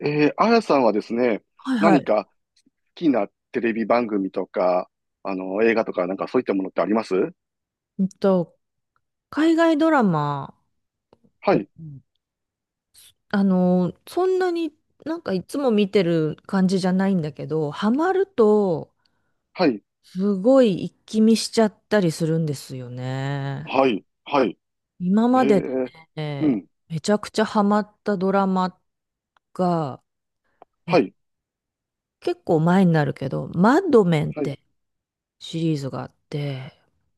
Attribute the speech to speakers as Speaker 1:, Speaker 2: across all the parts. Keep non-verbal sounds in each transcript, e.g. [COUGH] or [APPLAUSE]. Speaker 1: あやさんはですね、
Speaker 2: はいは
Speaker 1: 何
Speaker 2: い。
Speaker 1: か好きなテレビ番組とか、映画とか、なんかそういったものってあります？
Speaker 2: うんと、海外ドラマ
Speaker 1: は
Speaker 2: を、
Speaker 1: い、
Speaker 2: そんなにいつも見てる感じじゃないんだけど、ハマると、
Speaker 1: はい、
Speaker 2: すごい一気見しちゃったりするんですよね。
Speaker 1: はい、はい。
Speaker 2: 今
Speaker 1: え
Speaker 2: までで
Speaker 1: ー、う
Speaker 2: ね、
Speaker 1: ん、
Speaker 2: めちゃくちゃハマったドラマが、え、
Speaker 1: はい、
Speaker 2: 結構前になるけど、マッドメンっ
Speaker 1: はい、
Speaker 2: てシリーズがあって、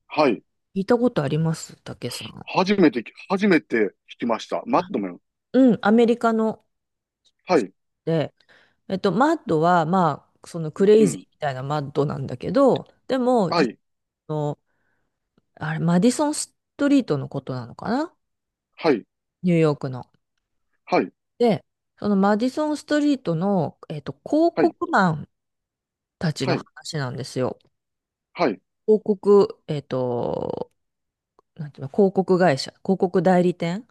Speaker 1: はい。
Speaker 2: 聞いたことありますたけさん。
Speaker 1: 初めて聞きました。マッドメン。
Speaker 2: うん、アメリカの
Speaker 1: はい、
Speaker 2: で、マッドは、まあ、そのクレ
Speaker 1: う
Speaker 2: イジー
Speaker 1: ん、
Speaker 2: みたいなマッドなんだけど、でも、
Speaker 1: は
Speaker 2: 実
Speaker 1: い、
Speaker 2: の、あれ、マディソンストリートのことなのかな
Speaker 1: はい、
Speaker 2: ニューヨークの。
Speaker 1: はい、
Speaker 2: で、そのマディソンストリートの、広
Speaker 1: はい、
Speaker 2: 告マンたち
Speaker 1: は
Speaker 2: の
Speaker 1: い、
Speaker 2: 話なんですよ。
Speaker 1: はい、
Speaker 2: 広告、なんていうの、広告会社、広告代理店。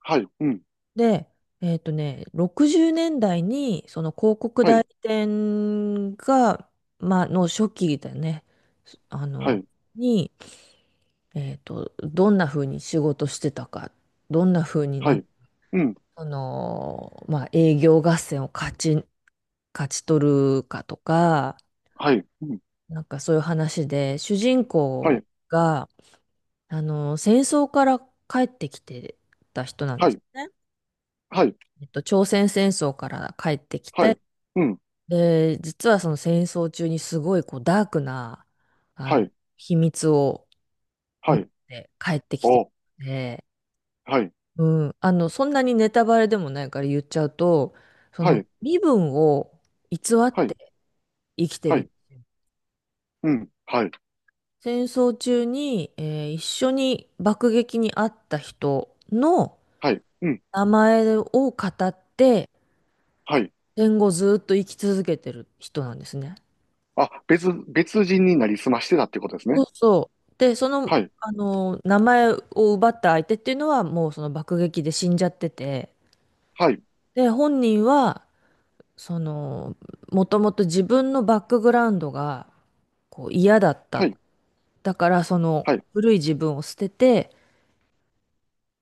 Speaker 1: はい、うん、
Speaker 2: で、えっとね、60年代に、その広告
Speaker 1: は
Speaker 2: 代
Speaker 1: い、
Speaker 2: 理店が、まあ、の初期だね。あ
Speaker 1: は
Speaker 2: の、
Speaker 1: い、
Speaker 2: に、えっと、どんな風に仕事してたか、どんな風に
Speaker 1: は
Speaker 2: な、
Speaker 1: い、うん、
Speaker 2: あのーまあ、営業合戦を勝ち、勝ち取るかとか、
Speaker 1: はい、うん、
Speaker 2: なんかそういう話で、主人
Speaker 1: は
Speaker 2: 公
Speaker 1: い、
Speaker 2: が、戦争から帰ってきてた人なん
Speaker 1: は
Speaker 2: です
Speaker 1: い、
Speaker 2: ね。
Speaker 1: はい、
Speaker 2: えっと、朝鮮戦争から帰ってき
Speaker 1: はい、
Speaker 2: て、
Speaker 1: うん、
Speaker 2: で、実はその戦争中にすごいこうダークな、あ
Speaker 1: は
Speaker 2: の、
Speaker 1: い、
Speaker 2: 秘密を持
Speaker 1: は
Speaker 2: っ
Speaker 1: い、
Speaker 2: て帰ってきてる
Speaker 1: お、
Speaker 2: ので、
Speaker 1: はい、
Speaker 2: そんなにネタバレでもないから言っちゃうと、そ
Speaker 1: は
Speaker 2: の
Speaker 1: い、
Speaker 2: 身分を偽っ
Speaker 1: はい、
Speaker 2: て生きて
Speaker 1: はい、
Speaker 2: る。
Speaker 1: うん。はい。
Speaker 2: 戦争中に、一緒に爆撃に遭った人の
Speaker 1: はい。うん。
Speaker 2: 名前を語って、
Speaker 1: はい。
Speaker 2: 戦後ずっと生き続けてる人なんですね。
Speaker 1: あ、別人になりすましてたってことです
Speaker 2: そ
Speaker 1: ね。
Speaker 2: うそう。で、その、
Speaker 1: はい。
Speaker 2: 名前を奪った相手っていうのはもうその爆撃で死んじゃってて、
Speaker 1: はい。
Speaker 2: で、本人は、その、もともと自分のバックグラウンドがこう嫌だっ
Speaker 1: は
Speaker 2: た。
Speaker 1: い。
Speaker 2: だからそ
Speaker 1: は
Speaker 2: の
Speaker 1: い。
Speaker 2: 古い自分を捨てて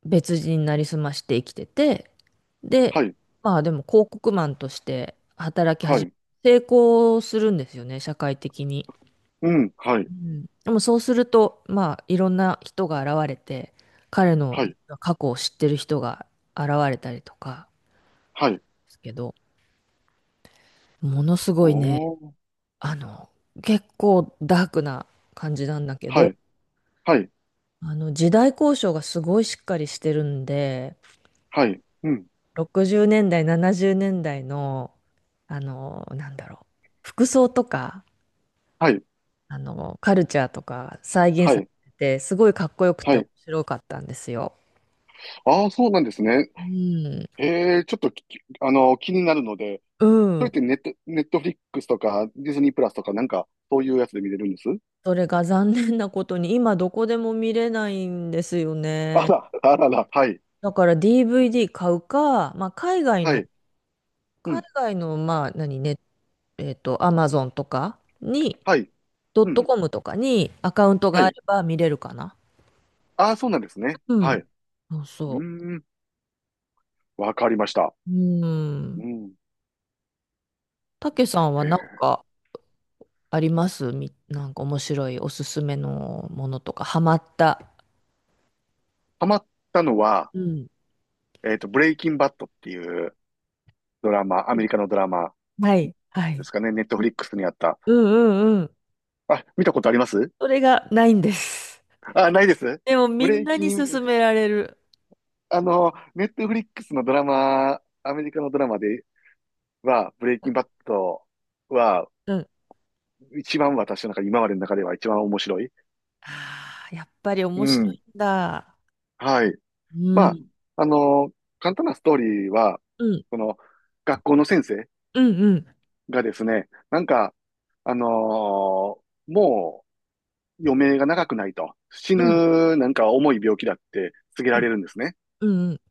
Speaker 2: 別人になりすまして生きてて、で、
Speaker 1: はい。
Speaker 2: まあでも広告マンとして働き
Speaker 1: は
Speaker 2: 始
Speaker 1: い。
Speaker 2: め、成功するんですよね、社会的に。
Speaker 1: うん。はい。
Speaker 2: うん。でもそうすると、まあいろんな人が現れて、彼の
Speaker 1: はい。
Speaker 2: 過去を知ってる人が現れたりとか
Speaker 1: はい。
Speaker 2: ですけど、ものすごいね、
Speaker 1: おー。
Speaker 2: あの、結構ダークな感じなんだけ
Speaker 1: は
Speaker 2: ど、
Speaker 1: い。はい。
Speaker 2: あの時代交渉がすごいしっかりしてるんで、
Speaker 1: はい。うん。
Speaker 2: 60年代、70年代の、あの、なんだろう、服装とか、
Speaker 1: はい。
Speaker 2: カルチャーとか再現
Speaker 1: は
Speaker 2: され
Speaker 1: い。
Speaker 2: てて、すごいかっこよく
Speaker 1: は
Speaker 2: て面
Speaker 1: い。
Speaker 2: 白かったんですよ。
Speaker 1: ああ、そうなんですね。
Speaker 2: うん。
Speaker 1: ええ、ちょっとき、あの、気になるので、
Speaker 2: う
Speaker 1: それっ
Speaker 2: ん。
Speaker 1: てネットフリックスとか、ディズニープラスとか、なんか、そういうやつで見れるんです？
Speaker 2: それが残念なことに今どこでも見れないんですよ
Speaker 1: あ
Speaker 2: ね。
Speaker 1: ら、あらら、はい。
Speaker 2: だから DVD 買うか、まあ、
Speaker 1: はい。う
Speaker 2: 海
Speaker 1: ん。
Speaker 2: 外の、まあ、何ね、えっと、アマゾンとかに、
Speaker 1: はい。
Speaker 2: ドッ
Speaker 1: うん。
Speaker 2: トコムとかにアカウント
Speaker 1: は
Speaker 2: があ
Speaker 1: い。
Speaker 2: れば見れるかな。
Speaker 1: ああ、そうなんですね。
Speaker 2: う
Speaker 1: はい。
Speaker 2: ん。
Speaker 1: う
Speaker 2: そうそ
Speaker 1: ーん。わかりました。
Speaker 2: う。うん。
Speaker 1: うん。
Speaker 2: たけさんは
Speaker 1: へ
Speaker 2: なん
Speaker 1: え。
Speaker 2: かありますみ、なんか面白いおすすめのものとか、ハマった。
Speaker 1: ハマったのは、
Speaker 2: うん。
Speaker 1: ブレイキンバットっていうドラマ、ア
Speaker 2: う
Speaker 1: メリ
Speaker 2: ん
Speaker 1: カのドラマ
Speaker 2: はい、は
Speaker 1: で
Speaker 2: い。
Speaker 1: すかね。ネット
Speaker 2: う
Speaker 1: フリ
Speaker 2: ん
Speaker 1: ックスにあった。
Speaker 2: うんうん。
Speaker 1: あ、見たことあります？
Speaker 2: それがないんです。
Speaker 1: あ、ないです。
Speaker 2: でも
Speaker 1: ブ
Speaker 2: み
Speaker 1: レ
Speaker 2: ん
Speaker 1: イ
Speaker 2: な
Speaker 1: キ
Speaker 2: に
Speaker 1: ン、
Speaker 2: 勧められる。
Speaker 1: あの、ネットフリックスのドラマ、アメリカのドラマでは、ブレイキンバットは、
Speaker 2: うん。
Speaker 1: 一番私の中、今までの中では一番面白い。
Speaker 2: ああ、やっぱり
Speaker 1: う
Speaker 2: 面白い
Speaker 1: ん。
Speaker 2: んだ。
Speaker 1: はい。
Speaker 2: う
Speaker 1: まあ、
Speaker 2: ん。
Speaker 1: あの、簡単なストーリーは、
Speaker 2: うん。
Speaker 1: この、学校の先生
Speaker 2: うんうん。
Speaker 1: がですね、なんか、あのもう余命が長くないと、死
Speaker 2: うん。
Speaker 1: ぬなんか重い病気だって告げ
Speaker 2: う
Speaker 1: られ
Speaker 2: ん。
Speaker 1: るんですね。
Speaker 2: うん。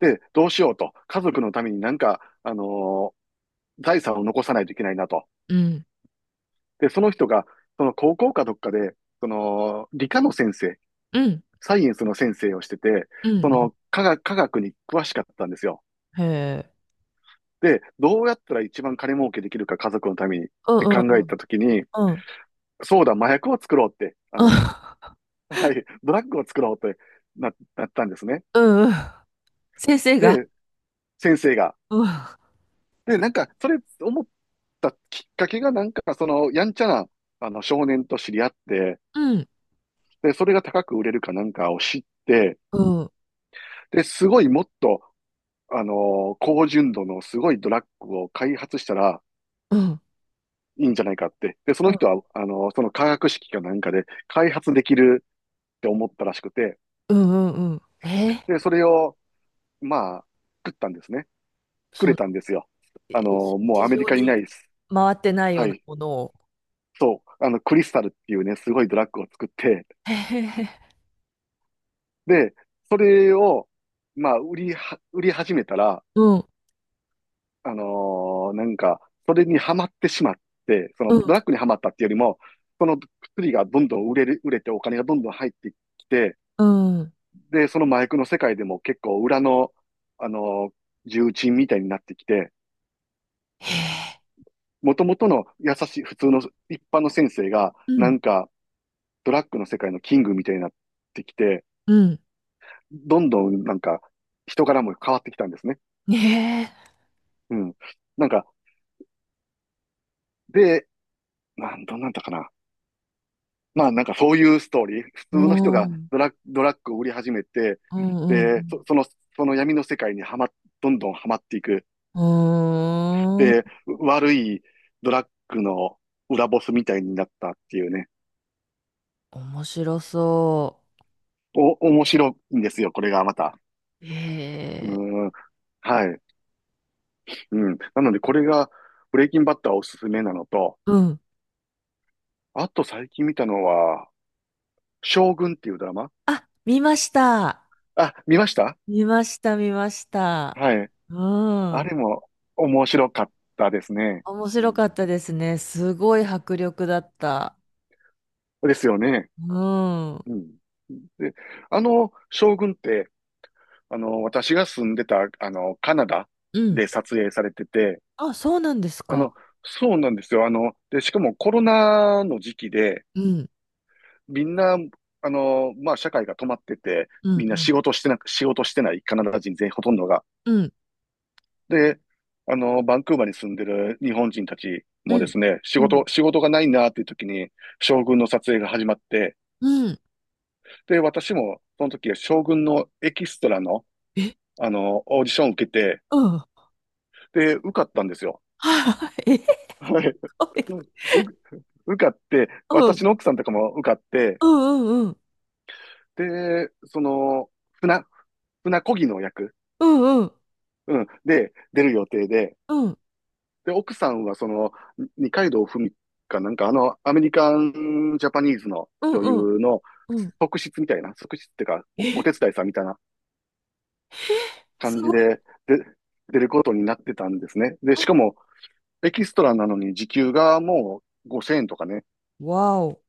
Speaker 1: で、どうしようと、家族のためになんか、ー財産を残さないといけないなと。
Speaker 2: うん。
Speaker 1: で、その人が、その高校かどっかで、その、理科の先生、
Speaker 2: うん。
Speaker 1: サイエンスの先生をしてて、
Speaker 2: うんう
Speaker 1: そ
Speaker 2: ん
Speaker 1: の科学に詳しかったんですよ。
Speaker 2: へえ。
Speaker 1: で、どうやったら一番金儲けできるか家族のためにっ
Speaker 2: う
Speaker 1: て
Speaker 2: ん
Speaker 1: 考
Speaker 2: うんう
Speaker 1: え
Speaker 2: ん。
Speaker 1: たときに、
Speaker 2: うん。
Speaker 1: そうだ、麻薬を作ろうって、はい、ドラッグを作ろうってなったんですね。
Speaker 2: うんうん。先生が。
Speaker 1: で、先生が。
Speaker 2: うん。
Speaker 1: で、なんか、それ思ったきっかけが、なんか、その、やんちゃな、少年と知り合って、
Speaker 2: うん。
Speaker 1: で、それが高く売れるかなんかを知って、
Speaker 2: うん。
Speaker 1: で、すごいもっと、高純度のすごいドラッグを開発したら
Speaker 2: うん。
Speaker 1: いいんじゃないかって。で、その人は、その化学式かなんかで開発できるって思ったらしくて、
Speaker 2: うん。うん。えー、
Speaker 1: で、それを、まあ、作ったんですね。作
Speaker 2: そ
Speaker 1: れ
Speaker 2: ん、
Speaker 1: たんですよ。もう
Speaker 2: 市
Speaker 1: アメリ
Speaker 2: 場
Speaker 1: カに
Speaker 2: に
Speaker 1: ない。
Speaker 2: 回ってないよ
Speaker 1: は
Speaker 2: うな
Speaker 1: い。
Speaker 2: ものを。
Speaker 1: そう。クリスタルっていうね、すごいドラッグを作って、
Speaker 2: へへへ。
Speaker 1: で、それを、まあ、売り始めたら、
Speaker 2: うん。
Speaker 1: なんか、それにはまってしまって、そ
Speaker 2: う
Speaker 1: の
Speaker 2: ん。
Speaker 1: ドラッグにはまったっていうよりも、その薬がどんどん売れてお金がどんどん入ってきて、
Speaker 2: うん。
Speaker 1: で、その麻薬の世界でも結構裏の、あのー重鎮みたいになってきて、
Speaker 2: へえ。
Speaker 1: 元々の優しい普通の一般の先生が、
Speaker 2: う
Speaker 1: な
Speaker 2: ん。
Speaker 1: んか、ドラッグの世界のキングみたいになってきて、
Speaker 2: うん。
Speaker 1: どんどんなんか人柄も変わってきたんですね。
Speaker 2: ねえ。
Speaker 1: うん。なんか、で、どんなんだったかな。まあなんかそういうストーリー。普
Speaker 2: う
Speaker 1: 通の人
Speaker 2: ん。う
Speaker 1: が
Speaker 2: ん。
Speaker 1: ドラッグを売り始めて、
Speaker 2: う
Speaker 1: で、
Speaker 2: ん。
Speaker 1: その闇の世界にどんどんはまっていく。
Speaker 2: う
Speaker 1: で、
Speaker 2: ん。
Speaker 1: 悪いドラッグの裏ボスみたいになったっていうね。
Speaker 2: 面白そ
Speaker 1: お、面白いんですよ、これがまた。
Speaker 2: う。へ
Speaker 1: う
Speaker 2: え。
Speaker 1: ん。はい。うん。なのでこれが、ブレイキンバッターおすすめなのと、
Speaker 2: うん
Speaker 1: あと最近見たのは、将軍っていうドラマ。
Speaker 2: あ、見ました。
Speaker 1: あ、見ました。
Speaker 2: 見ました、見ました。
Speaker 1: はい。
Speaker 2: う
Speaker 1: あ
Speaker 2: ん。
Speaker 1: れも面白かったですね。
Speaker 2: 面
Speaker 1: う
Speaker 2: 白か
Speaker 1: ん、
Speaker 2: ったですね。すごい迫力だった。
Speaker 1: ですよね。
Speaker 2: うん。う
Speaker 1: うん。で、将軍って、私が住んでた、カナダ
Speaker 2: ん。
Speaker 1: で撮影されてて、
Speaker 2: あ、そうなんです
Speaker 1: あ
Speaker 2: か。
Speaker 1: の、そうなんですよ。で、しかもコロナの時期で、
Speaker 2: うん。
Speaker 1: みんな、まあ、社会が止まってて、
Speaker 2: うん、
Speaker 1: みん
Speaker 2: う
Speaker 1: な
Speaker 2: ん。
Speaker 1: 仕事してないカナダ人全員ほとんどが。
Speaker 2: うん、
Speaker 1: で、バンクーバーに住んでる日本人たち
Speaker 2: う
Speaker 1: もで
Speaker 2: ん。
Speaker 1: すね、
Speaker 2: うん。
Speaker 1: 仕事がないなっていう時に、将軍の撮影が始まって、
Speaker 2: うん。
Speaker 1: で、私もその時は将軍のエキストラの、
Speaker 2: え、
Speaker 1: オーディションを受けて、
Speaker 2: うん。[LAUGHS]
Speaker 1: で、受かったんですよ。
Speaker 2: はい。え、
Speaker 1: [LAUGHS] はい。うんう受かって、
Speaker 2: う
Speaker 1: 私
Speaker 2: ん。
Speaker 1: の奥さんとかも受かって、
Speaker 2: うん、うん、うん。
Speaker 1: で、その、船漕ぎの役、
Speaker 2: うん、うん。
Speaker 1: うん、で、出る予定で、
Speaker 2: うん、
Speaker 1: で、奥さんはその、二階堂ふみかなんか、アメリカンジャパニーズの
Speaker 2: うん、
Speaker 1: 女優
Speaker 2: うん。
Speaker 1: の
Speaker 2: うん
Speaker 1: 側室みたいな、側室ってか、
Speaker 2: え、
Speaker 1: お手伝いさんみたいな
Speaker 2: す
Speaker 1: 感
Speaker 2: ご
Speaker 1: じ
Speaker 2: い。
Speaker 1: で、で、出ることになってたんですね。で、
Speaker 2: う
Speaker 1: しかも、エキストラなのに時給がもう5000円とかね、
Speaker 2: ん。わお。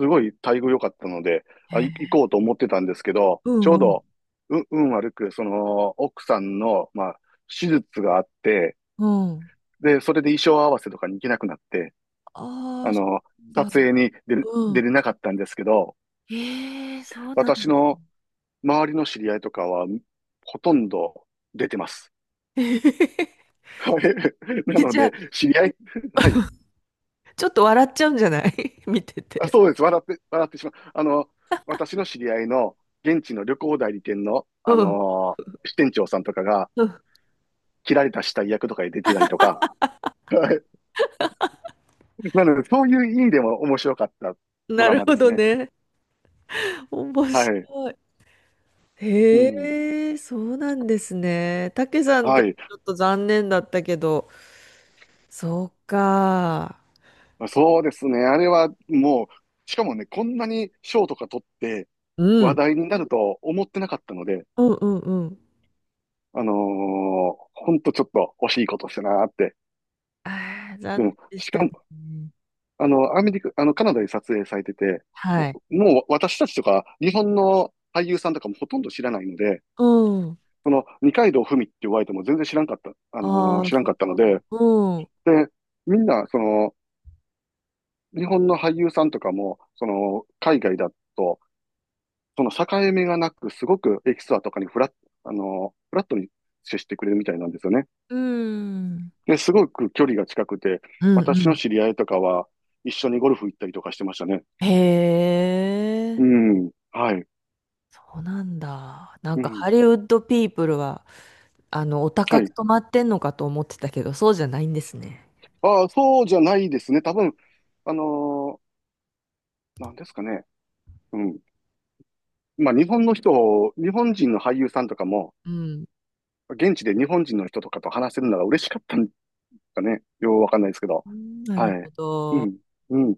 Speaker 1: すごい待遇良かったので、
Speaker 2: へ
Speaker 1: あ、い
Speaker 2: え
Speaker 1: 行こうと思ってたんですけど、
Speaker 2: う
Speaker 1: ち
Speaker 2: ん、
Speaker 1: ょう
Speaker 2: うん。
Speaker 1: ど、運悪く、その、奥さんの、まあ、手術があって、
Speaker 2: うん。
Speaker 1: で、それで衣装合わせとかに行けなくなって、
Speaker 2: あ
Speaker 1: あ
Speaker 2: あ、そ
Speaker 1: の、
Speaker 2: うな
Speaker 1: 撮
Speaker 2: んだ。
Speaker 1: 影に出れなかったんですけど、
Speaker 2: ええそうなん
Speaker 1: 私
Speaker 2: ですね。
Speaker 1: の周りの知り合いとかは、ほとんど出てます。
Speaker 2: [LAUGHS]
Speaker 1: [LAUGHS] はい。な
Speaker 2: え
Speaker 1: の
Speaker 2: じゃあ、
Speaker 1: で、知り合い、[LAUGHS] はい。
Speaker 2: ちょっと笑っちゃうんじゃない [LAUGHS] 見て
Speaker 1: あ、
Speaker 2: て。
Speaker 1: そうです。笑ってしまう。私の知り合いの現地の旅行代理店の、
Speaker 2: うん。
Speaker 1: 支店長さんとかが、
Speaker 2: うん
Speaker 1: 切られた死体役とかに出てたりとか。[LAUGHS] はい。なので、そういう意味でも面白かったド
Speaker 2: な
Speaker 1: ラ
Speaker 2: る
Speaker 1: マで
Speaker 2: ほ
Speaker 1: す
Speaker 2: ど
Speaker 1: ね。
Speaker 2: ね。面
Speaker 1: はい。
Speaker 2: 白い。
Speaker 1: うん。
Speaker 2: へえ、そうなんですね。たけさん
Speaker 1: は
Speaker 2: たち
Speaker 1: い。
Speaker 2: ちょっと残念だったけど、そうか。
Speaker 1: そうですね。あれはもう、しかもね、こんなに賞とか取って
Speaker 2: う
Speaker 1: 話
Speaker 2: ん。
Speaker 1: 題になると思ってなかったので、
Speaker 2: うんうんうん。
Speaker 1: ほんとちょっと惜しいことしたなーって。
Speaker 2: ああ、残
Speaker 1: で
Speaker 2: 念
Speaker 1: も、
Speaker 2: でし
Speaker 1: し
Speaker 2: た
Speaker 1: か
Speaker 2: ね。
Speaker 1: も、アメリカ、カナダで撮影されてて、
Speaker 2: は
Speaker 1: も
Speaker 2: い。
Speaker 1: う私たちとか、日本の俳優さんとかもほとんど知らないので、
Speaker 2: うん。
Speaker 1: その、二階堂ふみって言われても全然知らんかった、
Speaker 2: ああ、
Speaker 1: 知らん
Speaker 2: そ
Speaker 1: か
Speaker 2: っ
Speaker 1: ったの
Speaker 2: か。
Speaker 1: で、
Speaker 2: うん。
Speaker 1: で、みんな、その、日本の俳優さんとかも、その、海外だと、その境目がなく、すごくエキストラとかにフラットに接してくれるみたいなんですよね。
Speaker 2: うん。
Speaker 1: で、すごく距離が近くて、
Speaker 2: うん
Speaker 1: 私の
Speaker 2: う
Speaker 1: 知り合いとかは一緒にゴルフ行ったりとかしてましたね。
Speaker 2: ん。へえ。
Speaker 1: うん。はい。
Speaker 2: そうなんだ。なん
Speaker 1: う
Speaker 2: か
Speaker 1: ん。
Speaker 2: ハリウッドピープルは、お高
Speaker 1: は
Speaker 2: く
Speaker 1: い。
Speaker 2: 泊まってんのかと思ってたけど、そうじゃないんですね。
Speaker 1: ああ、そうじゃないですね。多分、あのなんですかね。うん。まあ、日本の人を、日本人の俳優さんとかも、
Speaker 2: うん。
Speaker 1: 現地で日本人の人とかと話せるのが嬉しかったんですかね。ようわかんないですけど。
Speaker 2: うんな
Speaker 1: は
Speaker 2: るほ
Speaker 1: い。う
Speaker 2: ど。
Speaker 1: ん。うん。